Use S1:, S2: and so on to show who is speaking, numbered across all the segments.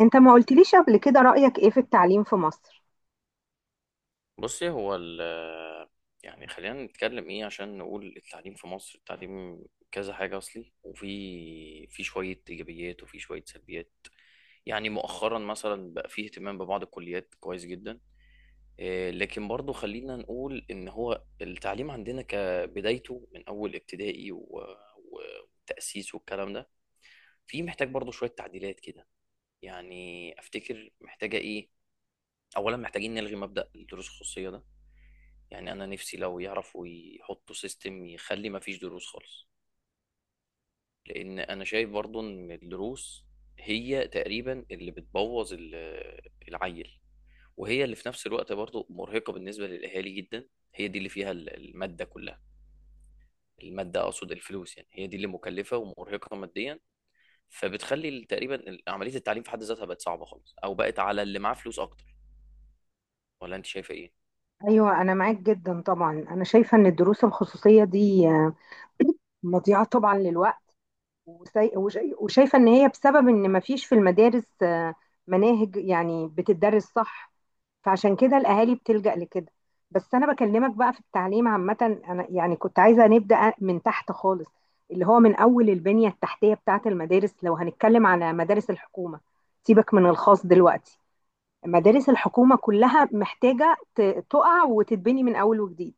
S1: انت ما قلتليش قبل كده رأيك ايه في التعليم في مصر؟
S2: بصي هو ال يعني خلينا نتكلم ايه عشان نقول التعليم في مصر. التعليم كذا حاجة أصلي، وفي شوية إيجابيات وفي شوية سلبيات. يعني مؤخرا مثلا بقى فيه اهتمام ببعض الكليات كويس جدا. إيه، لكن برضو خلينا نقول إن هو التعليم عندنا كبدايته من أول ابتدائي وتأسيس والكلام ده، في محتاج برضو شوية تعديلات كده. يعني أفتكر محتاجة ايه؟ أولا محتاجين نلغي مبدأ الدروس الخصوصية ده. يعني انا نفسي لو يعرفوا يحطوا سيستم يخلي ما فيش دروس خالص، لان انا شايف برضو ان الدروس هي تقريبا اللي بتبوظ العيل، وهي اللي في نفس الوقت برضو مرهقة بالنسبة للاهالي جدا. هي دي اللي فيها المادة كلها، المادة اقصد الفلوس. يعني هي دي اللي مكلفة ومرهقة ماديا. تقريبا عملية التعليم في حد ذاتها بقت صعبة خالص، او بقت على اللي معاه فلوس اكتر. ولا انت شايفة ايه؟
S1: ايوه، انا معاك جدا طبعا. انا شايفة ان الدروس الخصوصية دي مضيعة طبعا للوقت. وشايفة ان هي بسبب ان ما فيش في المدارس مناهج يعني بتدرس صح، فعشان كده الاهالي بتلجأ لكده. بس انا بكلمك بقى في التعليم عامة، انا يعني كنت عايزة نبدأ من تحت خالص، اللي هو من اول البنية التحتية بتاعة المدارس. لو هنتكلم على مدارس الحكومة، سيبك من الخاص دلوقتي، مدارس الحكومة كلها محتاجة تقع وتتبني من أول وجديد.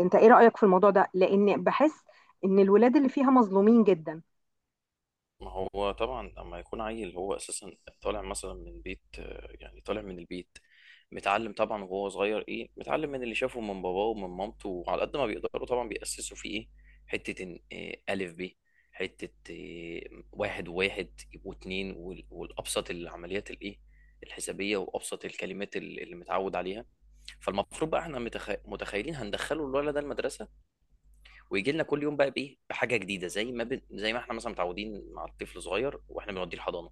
S1: أنت إيه رأيك في الموضوع ده؟ لأن بحس إن الولاد اللي فيها مظلومين جدا.
S2: ما هو طبعا اما يكون عيل هو اساسا طالع مثلا من بيت، يعني طالع من البيت متعلم طبعا، وهو صغير ايه، متعلم من اللي شافه من باباه ومن مامته، وعلى قد ما بيقدروا طبعا بيأسسوا فيه ايه، حتة إن إيه ألف ب، حتة إيه واحد وواحد يبقوا اتنين، والأبسط العمليات الايه، الحسابية، وأبسط الكلمات اللي متعود عليها. فالمفروض بقى احنا متخيلين هندخله الولد ده المدرسة، ويجي لنا كل يوم بقى بايه، بحاجه جديده، زي ما ب... زي ما احنا مثلا متعودين مع الطفل صغير واحنا بنوديه الحضانه،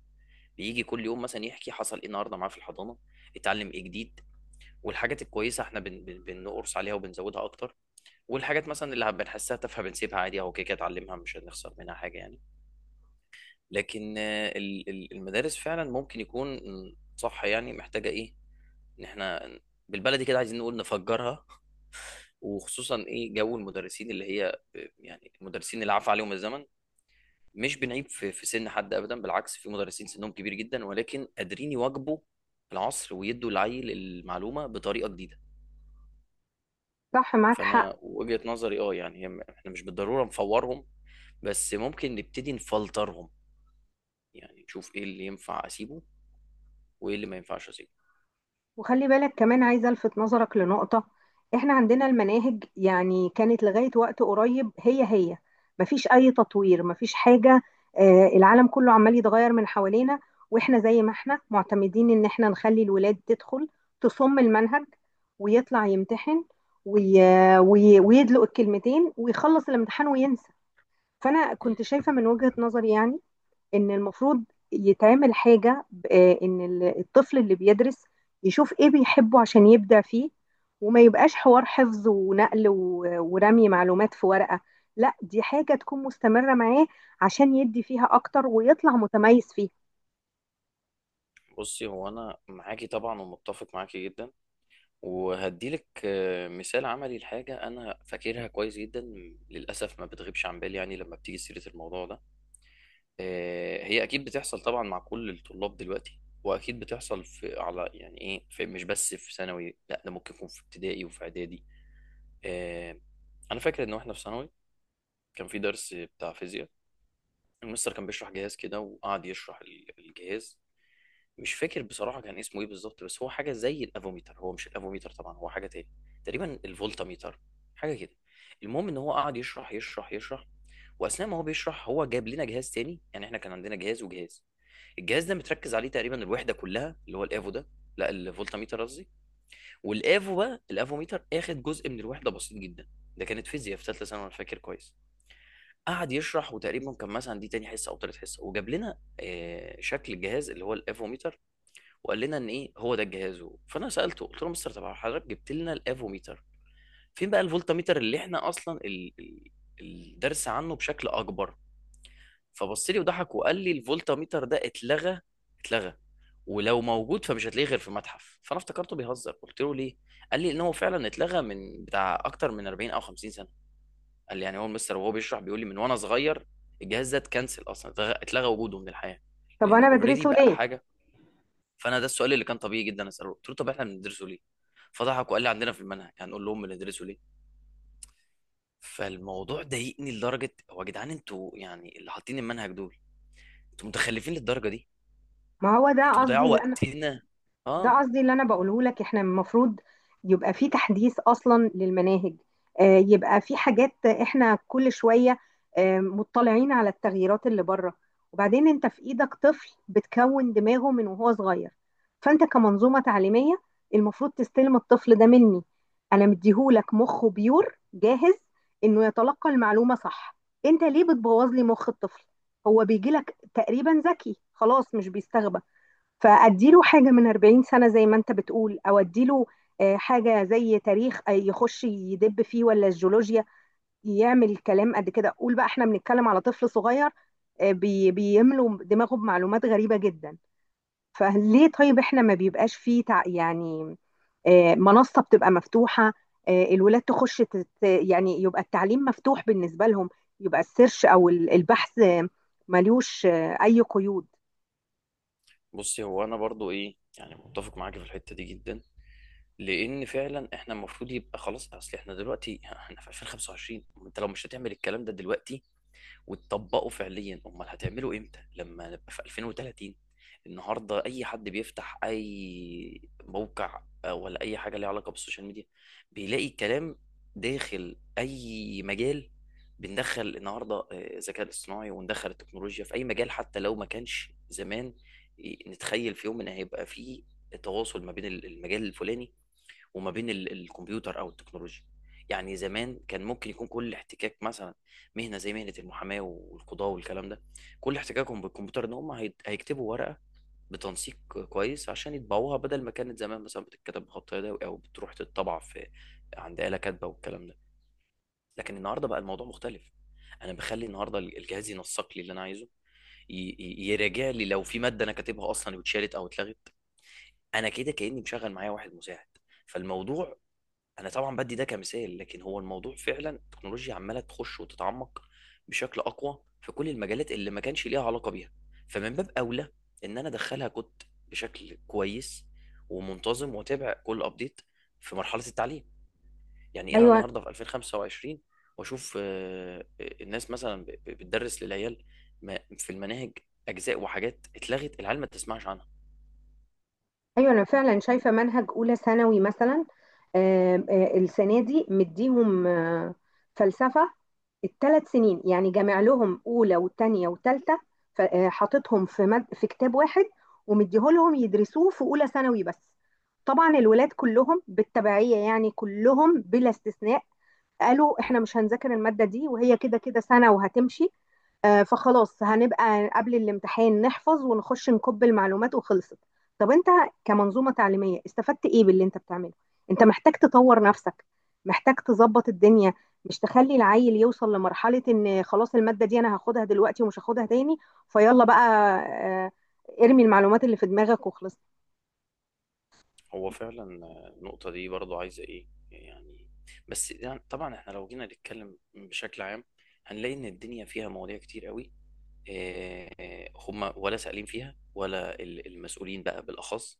S2: بيجي كل يوم مثلا يحكي حصل ايه النهارده معاه في الحضانه، اتعلم ايه جديد. والحاجات الكويسه احنا بنقرص عليها وبنزودها اكتر، والحاجات مثلا اللي بنحسها تافهه بنسيبها عادي، اهو كده كده اتعلمها، مش هنخسر منها حاجه يعني. لكن المدارس فعلا ممكن يكون صح، يعني محتاجه ايه، ان احنا بالبلدي كده عايزين نقول نفجرها. وخصوصا ايه، جو المدرسين اللي هي، يعني المدرسين اللي عفى عليهم الزمن. مش بنعيب في سن حد ابدا، بالعكس في مدرسين سنهم كبير جدا ولكن قادرين يواكبوا العصر ويدوا العيل المعلومه بطريقه جديده.
S1: صح، معاك حق.
S2: فانا وجهه نظري اه، يعني احنا مش بالضروره نفورهم، بس ممكن نبتدي نفلترهم. يعني نشوف ايه اللي ينفع اسيبه وايه اللي ما ينفعش اسيبه.
S1: وخلي بالك، كمان عايزة ألفت نظرك لنقطة: إحنا عندنا المناهج يعني كانت لغاية وقت قريب هي هي، مفيش أي تطوير، مفيش حاجة. العالم كله عمال يتغير من حوالينا، وإحنا زي ما إحنا معتمدين إن إحنا نخلي الولاد تدخل تصم المنهج ويطلع يمتحن وي... ويدلق الكلمتين ويخلص الامتحان وينسى. فأنا
S2: مم.
S1: كنت شايفة من وجهة نظري يعني ان المفروض يتعمل حاجة، ان الطفل اللي بيدرس يشوف ايه بيحبه عشان يبدع فيه، وما يبقاش حوار حفظ ونقل ورمي معلومات في ورقة. لا، دي حاجة تكون مستمرة معاه عشان يدي فيها اكتر ويطلع متميز فيها.
S2: بصي هو انا معاكي طبعا ومتفق معاكي جدا، وهديلك آه، مثال عملي لحاجه انا فاكرها كويس جدا. للاسف ما بتغيبش عن بالي يعني لما بتيجي سيره الموضوع ده. آه، هي اكيد بتحصل طبعا مع كل الطلاب دلوقتي، واكيد بتحصل في على يعني ايه، في مش بس في ثانوي، لا ده ممكن يكون في ابتدائي وفي اعدادي. آه، انا فاكر ان احنا في ثانوي كان في درس بتاع فيزياء، المستر كان بيشرح جهاز كده وقعد يشرح الجهاز. مش فاكر بصراحة كان اسمه ايه بالظبط، بس هو حاجة زي الافوميتر، هو مش الافوميتر طبعا، هو حاجة تاني، تقريبا الفولتاميتر، حاجة كده. المهم ان هو قعد يشرح يشرح يشرح، واثناء ما هو بيشرح هو جاب لنا جهاز تاني. يعني احنا كان عندنا جهاز وجهاز، الجهاز ده متركز عليه تقريبا الوحدة كلها، اللي هو الافو ده، لا الفولتاميتر قصدي، والافو بقى الافوميتر اخد جزء من الوحدة بسيط جدا. ده كانت فيزياء في ثالثة ثانوي انا فاكر كويس. قعد يشرح، وتقريبا كان مثلا دي تاني حصة او تالت حصة، وجاب لنا آه، شكل الجهاز اللي هو الافوميتر، وقال لنا ان ايه، هو ده الجهاز. فانا سالته قلت له مستر، طب حضرتك جبت لنا الافوميتر، فين بقى الفولتاميتر اللي احنا اصلا الدرس عنه بشكل اكبر؟ فبص لي وضحك وقال لي الفولتاميتر ده اتلغى، اتلغى، ولو موجود فمش هتلاقيه غير في متحف. فانا افتكرته بيهزر، قلت له ليه؟ قال لي ان هو فعلا اتلغى من بتاع اكتر من 40 او 50 سنه. قال لي، يعني هو المستر وهو بيشرح بيقول لي من وانا صغير الجهاز ده اتكنسل، اصلا اتلغى، اتلغى وجوده من الحياه،
S1: طب
S2: لانه
S1: انا
S2: اوريدي
S1: بدرسه
S2: بقى
S1: ليه؟
S2: حاجه. فانا ده السؤال اللي كان طبيعي جدا اساله، قلت له طب احنا بندرسه ليه؟ فضحك وقال لي عندنا في المنهج، هنقول لهم بندرسه ليه. فالموضوع ضايقني لدرجه، هو يا جدعان انتوا يعني اللي حاطين المنهج دول، انتوا متخلفين للدرجه دي،
S1: ما هو ده
S2: انتوا
S1: قصدي
S2: بتضيعوا
S1: اللي
S2: وقتنا.
S1: ده
S2: اه،
S1: قصدي اللي انا بقوله لك. احنا المفروض يبقى في تحديث اصلا للمناهج. يبقى في حاجات احنا كل شويه مطلعين على التغييرات اللي بره. وبعدين انت في ايدك طفل بتكون دماغه من وهو صغير، فانت كمنظومه تعليميه المفروض تستلم الطفل ده مني. انا مديهولك مخه بيور جاهز انه يتلقى المعلومه صح. انت ليه بتبوظ لي مخ الطفل؟ هو بيجي لك تقريبا ذكي خلاص، مش بيستغبى. فاديله حاجه من 40 سنه زي ما انت بتقول، او اديله حاجه زي تاريخ، يخش يدب فيه، ولا الجيولوجيا يعمل كلام قد كده. قول بقى احنا بنتكلم على طفل صغير، بيملوا دماغه بمعلومات غريبه جدا. فليه طيب احنا ما بيبقاش فيه يعني منصه بتبقى مفتوحه، الولاد تخش تت يعني، يبقى التعليم مفتوح بالنسبه لهم، يبقى السيرش او البحث ملوش اي قيود.
S2: بصي هو انا برضو ايه يعني، متفق معاكي في الحته دي جدا، لان فعلا احنا المفروض يبقى خلاص، اصل احنا دلوقتي احنا في 2025، انت لو مش هتعمل الكلام ده دلوقتي وتطبقوا فعليا، امال هتعملوا امتى، لما نبقى في 2030؟ النهارده اي حد بيفتح اي موقع آه، ولا اي حاجه ليها علاقه بالسوشيال ميديا، بيلاقي كلام داخل اي مجال. بندخل النهارده آه، الذكاء الاصطناعي وندخل التكنولوجيا في اي مجال، حتى لو ما كانش زمان نتخيل في يوم ان هيبقى فيه تواصل ما بين المجال الفلاني وما بين الكمبيوتر او التكنولوجيا. يعني زمان كان ممكن يكون كل احتكاك مثلا مهنه زي مهنه المحاماه والقضاء والكلام ده، كل احتكاكهم بالكمبيوتر ان هم هيكتبوا ورقه بتنسيق كويس عشان يطبعوها، بدل ما كانت زمان مثلا بتتكتب بخط يدوي او بتروح تتطبع في عند آلة كاتبه والكلام ده. لكن النهارده بقى الموضوع مختلف، انا بخلي النهارده الجهاز ينسق لي اللي انا عايزه، يراجع لي لو في ماده انا كاتبها اصلا واتشالت او اتلغت. انا كده كاني مشغل معايا واحد مساعد. فالموضوع انا طبعا بدي ده كمثال، لكن هو الموضوع فعلا التكنولوجيا عماله تخش وتتعمق بشكل اقوى في كل المجالات اللي ما كانش ليها علاقه بيها. فمن باب اولى ان انا ادخلها كنت بشكل كويس ومنتظم، واتابع كل ابديت في مرحله التعليم. يعني انا
S1: ايوه.
S2: النهارده في 2025 واشوف آه، آه، الناس مثلا بتدرس للعيال في المناهج اجزاء وحاجات اتلغت العيال ما تسمعش عنها.
S1: ايوه، انا فعلا شايفه منهج اولى ثانوي مثلا السنه دي مديهم فلسفه الثلاث سنين، يعني جامع لهم اولى وثانيه وثالثه، في كتاب واحد ومديهولهم يدرسوه في اولى ثانوي بس. طبعا الولاد كلهم بالتبعيه يعني، كلهم بلا استثناء، قالوا احنا مش هنذاكر المادة دي، وهي كده كده سنة وهتمشي. فخلاص هنبقى قبل الامتحان نحفظ ونخش نكب المعلومات وخلصت. طب انت كمنظومة تعليمية استفدت ايه باللي انت بتعمله؟ انت محتاج تطور نفسك، محتاج تظبط الدنيا، مش تخلي العيل يوصل لمرحلة ان خلاص المادة دي انا هاخدها دلوقتي ومش هاخدها تاني. فيلا بقى آه، ارمي المعلومات اللي في دماغك وخلص.
S2: هو فعلا النقطة دي برضو عايزة ايه يعني، بس يعني طبعا احنا لو جينا نتكلم بشكل عام هنلاقي ان الدنيا فيها مواضيع كتير قوي، آه، هم ولا سائلين فيها، ولا المسؤولين بقى بالاخص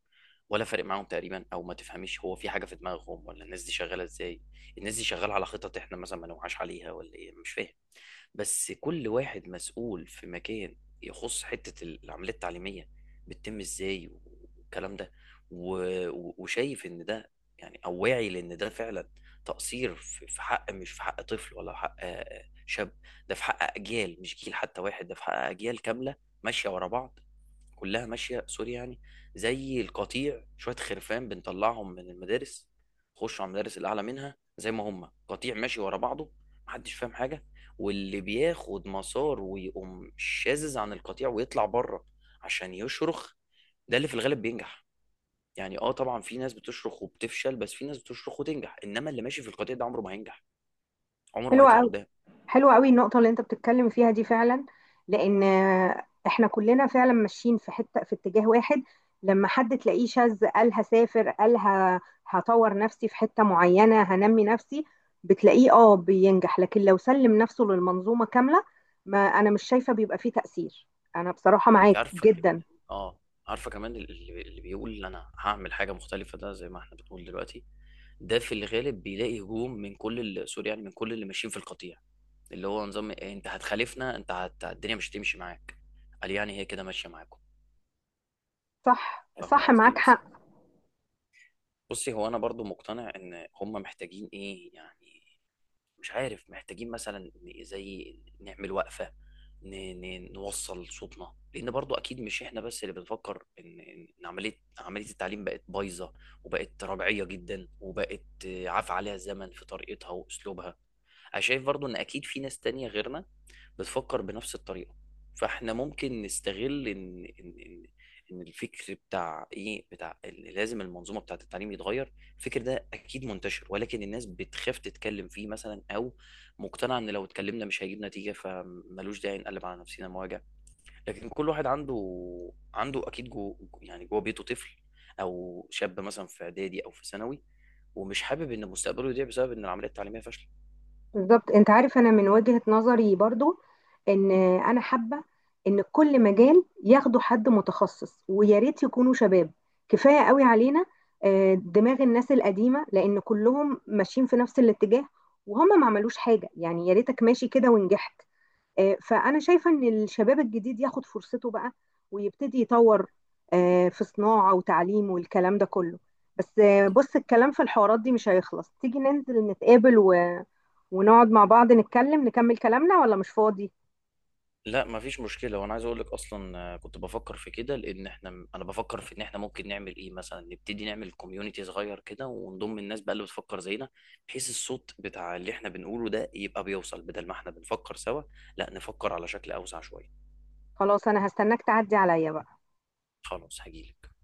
S2: ولا فارق معاهم تقريبا. او ما تفهميش هو في حاجة في دماغهم، ولا الناس دي شغالة ازاي. الناس دي شغالة على خطط احنا مثلا ما نوعاش عليها، ولا ايه مش فاهم. بس كل واحد مسؤول في مكان يخص حتة العملية التعليمية بتتم ازاي والكلام ده، وشايف ان ده يعني، او واعي لان ده فعلا تقصير في حق، مش في حق طفل ولا حق آه، شاب، ده في حق اجيال، مش جيل حتى واحد، ده في حق اجيال كاملة ماشية ورا بعض، كلها ماشيه، سوري يعني، زي القطيع، شويه خرفان بنطلعهم من المدارس، خشوا على المدارس الاعلى منها زي ما هم قطيع ماشي ورا بعضه، محدش فاهم حاجه. واللي بياخد مسار ويقوم شاذز عن القطيع ويطلع بره عشان يشرخ، ده اللي في الغالب بينجح. يعني اه طبعا في ناس بتشرخ وبتفشل، بس في ناس بتشرخ وتنجح، انما اللي ماشي في القطيع ده عمره ما هينجح، عمره ما
S1: حلوة
S2: هيطلع
S1: قوي.
S2: قدام.
S1: حلوة قوي النقطة اللي انت بتتكلم فيها دي فعلا، لان احنا كلنا فعلا ماشيين في حتة، في اتجاه واحد. لما حد تلاقيه شاذ، قال هسافر، قال هطور نفسي في حتة معينة، هنمي نفسي، بتلاقيه اه بينجح. لكن لو سلم نفسه للمنظومة كاملة، ما انا مش شايفة بيبقى فيه تأثير. انا بصراحة
S2: انت
S1: معاك
S2: عارفه كمان،
S1: جدا.
S2: اه، عارفه كمان، اللي بيقول انا هعمل حاجه مختلفه ده زي ما احنا بنقول دلوقتي، ده في الغالب بيلاقي هجوم من كل سوري يعني، من كل اللي ماشيين في القطيع، اللي هو نظام إيه، انت هتخالفنا؟ انت الدنيا مش هتمشي معاك، قال يعني هي كده ماشيه معاكم.
S1: صح،
S2: فاهم
S1: صح،
S2: قصدي؟
S1: معاك
S2: بس
S1: حق.
S2: بصي، هو انا برضو مقتنع ان هم محتاجين ايه يعني، مش عارف، محتاجين مثلا زي نعمل وقفه، ن... نوصل صوتنا، لان برضو اكيد مش احنا بس اللي بنفكر ان ان إن عمليه التعليم بقت بايظه، وبقت ربعيه جدا، وبقت آه، عفى عليها الزمن في طريقتها واسلوبها. انا شايف برضو ان اكيد في ناس تانية غيرنا بتفكر بنفس الطريقة، فاحنا ممكن نستغل ان الفكر بتاع ايه، بتاع اللي لازم المنظومة بتاعة التعليم يتغير. الفكر ده اكيد منتشر، ولكن الناس بتخاف تتكلم فيه مثلا، او مقتنعة ان لو اتكلمنا مش هيجيب نتيجة، فملوش داعي نقلب على نفسنا مواجع. لكن كل واحد عنده، عنده اكيد جو، يعني جوه بيته طفل او شاب مثلا في اعدادي او في ثانوي، ومش حابب ان مستقبله يضيع بسبب ان العملية التعليمية فاشلة.
S1: بالظبط. انت عارف انا من وجهة نظري برضو ان انا حابة ان كل مجال ياخدوا حد متخصص، ويا ريت يكونوا شباب. كفاية قوي علينا دماغ الناس القديمة، لان كلهم ماشيين في نفس الاتجاه وهم ما عملوش حاجة. يعني يا ريتك ماشي كده ونجحت. فانا شايفة ان الشباب الجديد ياخد فرصته بقى، ويبتدي يطور في صناعة وتعليم والكلام ده كله. بس بص، الكلام في الحوارات دي مش هيخلص. تيجي ننزل نتقابل و ونقعد مع بعض نتكلم نكمل كلامنا، ولا مش فاضي؟
S2: لأ، ما فيش مشكلة، وأنا عايز أقول لك أصلًا آه، كنت بافكّر في كده، لإن إحنا أنا بافكّر في إن إحنا ممكن نعمل إيه مثلًا، نبتدي نعمل community صغير كده ونضم الناس بقى اللي بتفكّر زينا، بحيث الصوت بتاع اللي إحنا بنقوله ده يبقى بيوصل، بدل ما إحنا بنفكّر سوا، لأ نفكّر على شكل أوسع شوية.
S1: خلاص، انا هستناك تعدي عليا بقى.
S2: خلاص هاجي لك.